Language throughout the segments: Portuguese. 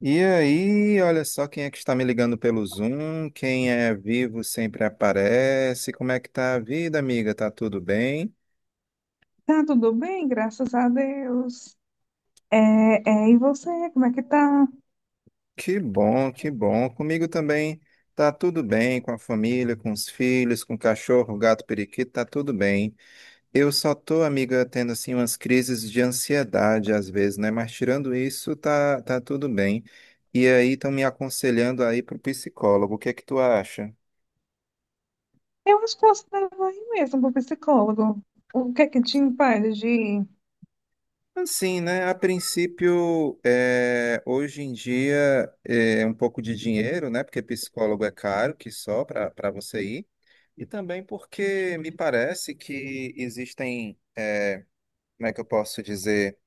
E aí, olha só quem é que está me ligando pelo Zoom. Quem é vivo sempre aparece. Como é que tá a vida, amiga? Tá tudo bem? Tá tudo bem, graças a Deus. É, e você, como é que tá? Que bom, que bom. Comigo também tá tudo bem, com a família, com os filhos, com o cachorro, o gato, o periquito, tá tudo bem. Eu só tô, amiga, tendo assim umas crises de ansiedade às vezes, né? Mas tirando isso, tá tudo bem. E aí estão me aconselhando aí pro psicólogo. O que é que tu acha? Eu acho que você deve ir mesmo pro psicólogo. O que é que te impede de ir? Assim, né? A princípio, hoje em dia, é um pouco de dinheiro, né? Porque psicólogo é caro, que só para você ir. E também porque me parece que existem, como é que eu posso dizer,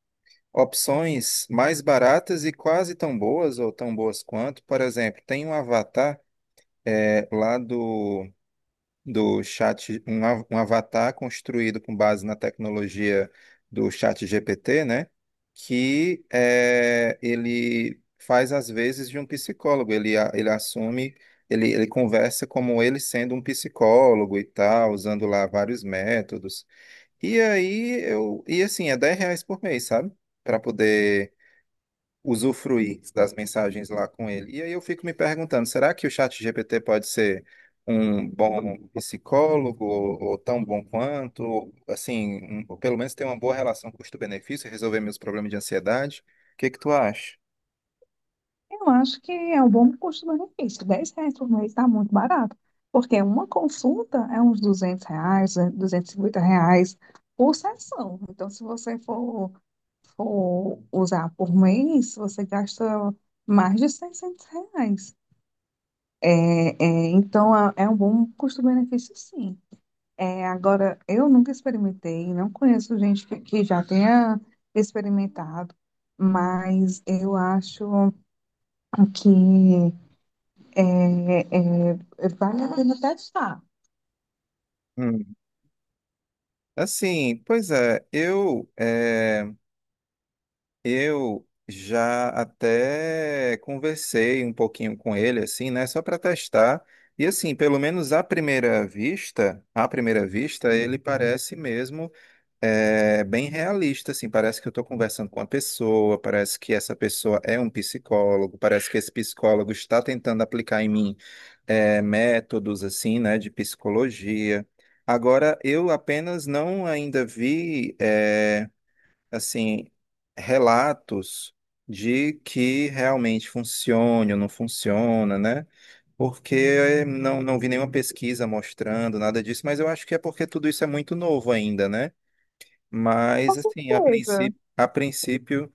opções mais baratas e quase tão boas ou tão boas quanto. Por exemplo, tem um avatar, lá do chat, um avatar construído com base na tecnologia do chat GPT, né? Que é, ele faz às vezes de um psicólogo, ele assume, ele conversa como ele sendo um psicólogo e tal, usando lá vários métodos. E aí e assim, é R$ 10 por mês, sabe? Para poder usufruir das mensagens lá com ele. E aí eu fico me perguntando, será que o ChatGPT pode ser um bom psicólogo ou tão bom quanto, ou, assim, ou pelo menos ter uma boa relação custo-benefício, resolver meus problemas de ansiedade? O que que tu acha? Eu acho que é um bom custo-benefício. R$ 10 por mês tá muito barato. Porque uma consulta é uns R$ 200, R$ 250 por sessão. Então, se você for usar por mês, você gasta mais de R$ 600. É, é, então, é um bom custo-benefício, sim. Agora, eu nunca experimentei, não conheço gente que já tenha experimentado, mas eu acho que é, vale a pena testar. Hum. Assim, pois é, eu já até conversei um pouquinho com ele, assim, né? Só para testar. E assim, pelo menos à primeira vista, ele parece mesmo bem realista, assim. Parece que eu estou conversando com uma pessoa, parece que essa pessoa é um psicólogo, parece que esse psicólogo está tentando aplicar em mim métodos, assim, né, de psicologia. Agora, eu apenas não ainda vi. Assim, relatos de que realmente funciona ou não funciona, né? Porque não vi nenhuma pesquisa mostrando nada disso, mas eu acho que é porque tudo isso é muito novo ainda, né? Com Mas, assim, certeza.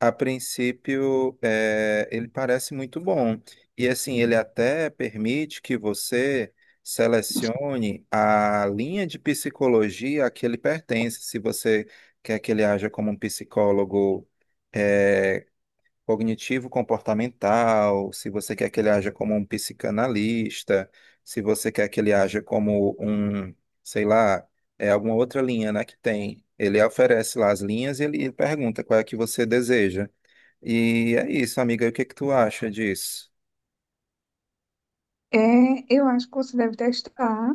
a princípio, ele parece muito bom. E assim, ele até permite que você selecione a linha de psicologia a que ele pertence, se você quer que ele haja como um psicólogo é, cognitivo-comportamental, se você quer que ele haja como um psicanalista, se você quer que ele haja como um, sei lá, é alguma outra linha, né, que tem. Ele oferece lá as linhas e ele pergunta qual é que você deseja. E é isso, amiga. O que que tu acha disso? É, eu acho que você deve testar.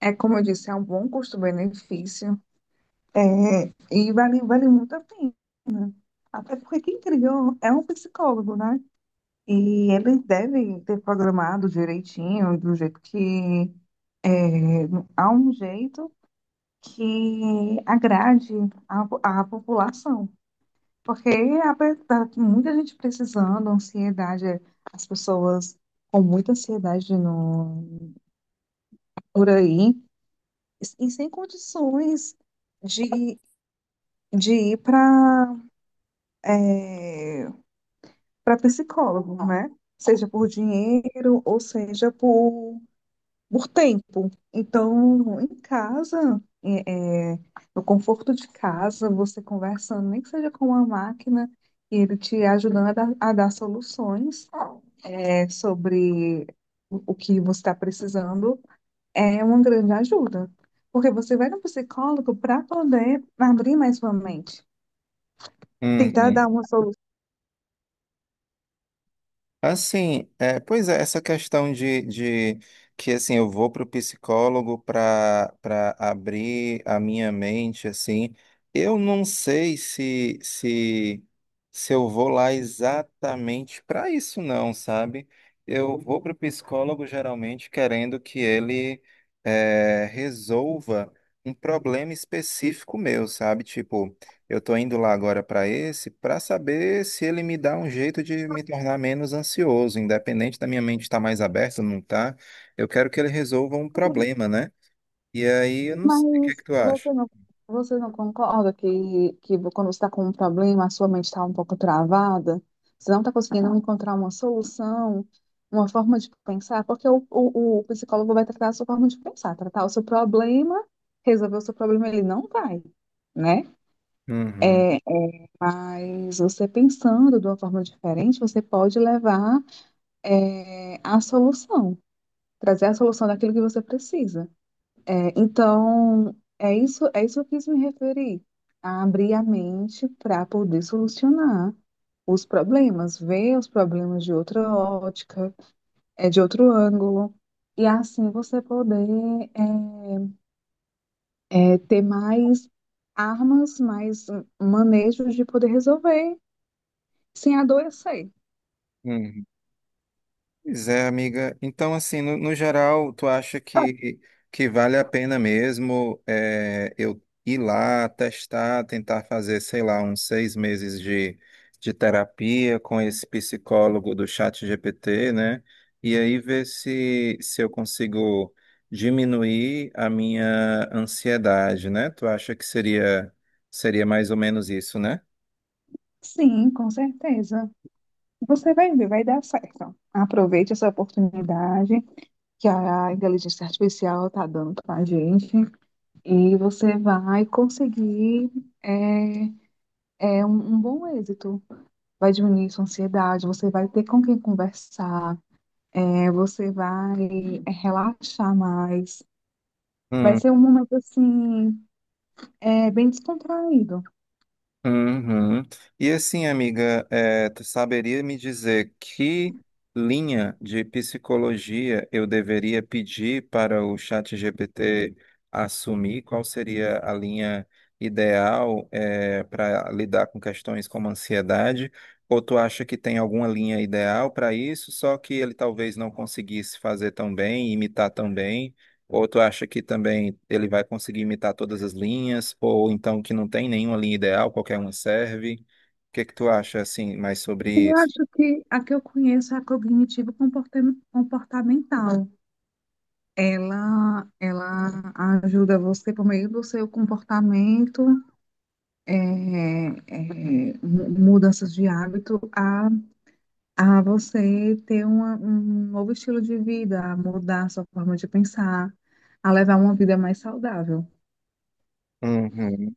É, como eu disse, é um bom custo-benefício. É, e vale muito a pena. Até porque quem criou é um psicólogo, né? E ele deve ter programado direitinho, do jeito que a um jeito que agrade a população. Porque está muita gente precisando, ansiedade, as pessoas com muita ansiedade no, por aí, e sem condições de, de ir para é, para psicólogo, né? Seja por dinheiro ou seja por tempo. Então, em casa, no conforto de casa, você conversando, nem que seja com uma máquina, e ele te ajudando a dar soluções sobre o que você está precisando, é uma grande ajuda. Porque você vai no psicólogo para poder abrir mais sua mente, tentar dar Uhum. uma. Assim, é, pois é, essa questão de que assim eu vou para o psicólogo para abrir a minha mente, assim, eu não sei se eu vou lá exatamente para isso não, sabe? Eu vou para o psicólogo geralmente querendo que ele resolva um problema específico meu, sabe? Tipo eu tô indo lá agora para esse para saber se ele me dá um jeito de me tornar menos ansioso, independente da minha mente estar mais aberta ou não tá. Eu quero que ele resolva um problema, né? E aí eu não sei o que é Mas que tu acha. você não, Você não concorda que quando você está com um problema, a sua mente está um pouco travada? Você não está conseguindo encontrar uma solução, uma forma de pensar? Porque o psicólogo vai tratar a sua forma de pensar, tratar o seu problema, resolver o seu problema, ele não vai, né? Uhum. Mas você pensando de uma forma diferente, você pode levar, a solução, trazer a solução daquilo que você precisa. Então, é isso que eu quis me referir, a abrir a mente para poder solucionar os problemas, ver os problemas de outra ótica, de outro ângulo, e assim você poder ter mais armas, mais manejos de poder resolver sem adoecer. Uhum. Pois é, amiga. Então, assim, no geral, tu acha que vale a pena mesmo eu ir lá, testar, tentar fazer, sei lá, uns 6 meses de terapia com esse psicólogo do chat GPT, né? E aí ver se eu consigo diminuir a minha ansiedade, né? Tu acha que seria, seria mais ou menos isso, né? Sim, com certeza. Você vai ver, vai dar certo. Aproveite essa oportunidade que a inteligência artificial está dando para a gente. E você vai conseguir é, é um, um bom êxito. Vai diminuir sua ansiedade, você vai ter com quem conversar, você vai relaxar mais. Vai Hum. ser um momento assim, bem descontraído. Uhum. E assim, amiga, tu saberia me dizer que linha de psicologia eu deveria pedir para o ChatGPT assumir? Qual seria a linha ideal, para lidar com questões como ansiedade? Ou tu acha que tem alguma linha ideal para isso, só que ele talvez não conseguisse fazer tão bem, imitar tão bem? Ou tu acha que também ele vai conseguir imitar todas as linhas, ou então que não tem nenhuma linha ideal, qualquer uma serve? O que que tu acha assim mais sobre Eu isso? acho que a que eu conheço é a cognitivo comportamental. Ela ajuda você por meio do seu comportamento, é, mudanças de hábito, a você ter um novo estilo de vida, a mudar a sua forma de pensar, a levar uma vida mais saudável. Uhum,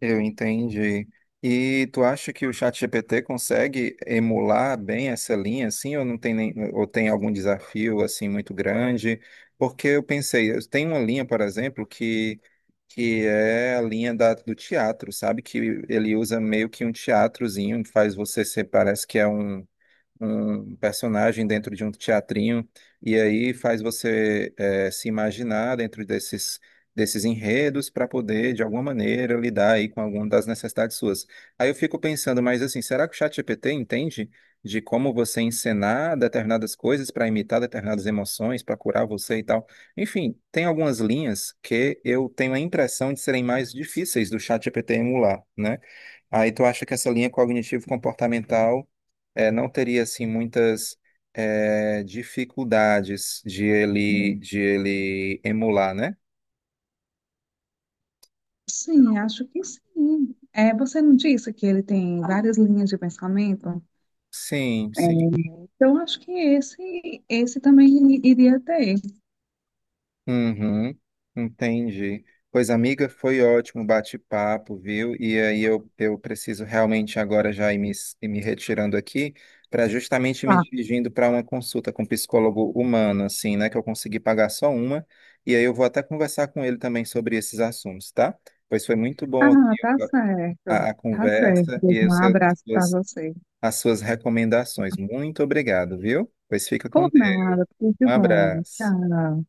eu entendi. E tu acha que o ChatGPT consegue emular bem essa linha, assim, ou não tem nem, ou tem algum desafio assim muito grande? Porque eu pensei, eu tenho uma linha, por exemplo, que é a linha da, do teatro, sabe? Que ele usa meio que um teatrozinho, faz você ser, parece que é um personagem dentro de um teatrinho, e aí faz você se imaginar dentro desses enredos para poder, de alguma maneira, lidar aí com alguma das necessidades suas. Aí eu fico pensando, mas assim, será que o ChatGPT entende de como você encenar determinadas coisas para imitar determinadas emoções, para curar você e tal? Enfim, tem algumas linhas que eu tenho a impressão de serem mais difíceis do ChatGPT emular, né? Aí tu acha que essa linha cognitivo-comportamental não teria assim muitas dificuldades de ele emular, né? Sim, acho que sim. É, você não disse que ele tem várias linhas de pensamento? Sim, É. sim. Então, acho que esse também iria ter. Uhum, entendi. Pois, amiga, foi ótimo o bate-papo, viu? E aí eu preciso realmente agora já ir me retirando aqui para justamente me Tá. dirigindo para uma consulta com um psicólogo humano, assim, né? Que eu consegui pagar só uma. E aí eu vou até conversar com ele também sobre esses assuntos, tá? Pois foi muito bom aqui Ah, tá certo. A Tá certo. conversa e Um os abraço para você. as suas recomendações. Muito obrigado, viu? Pois fica Por com Deus. nada, tudo de Um bom. abraço. Tchau.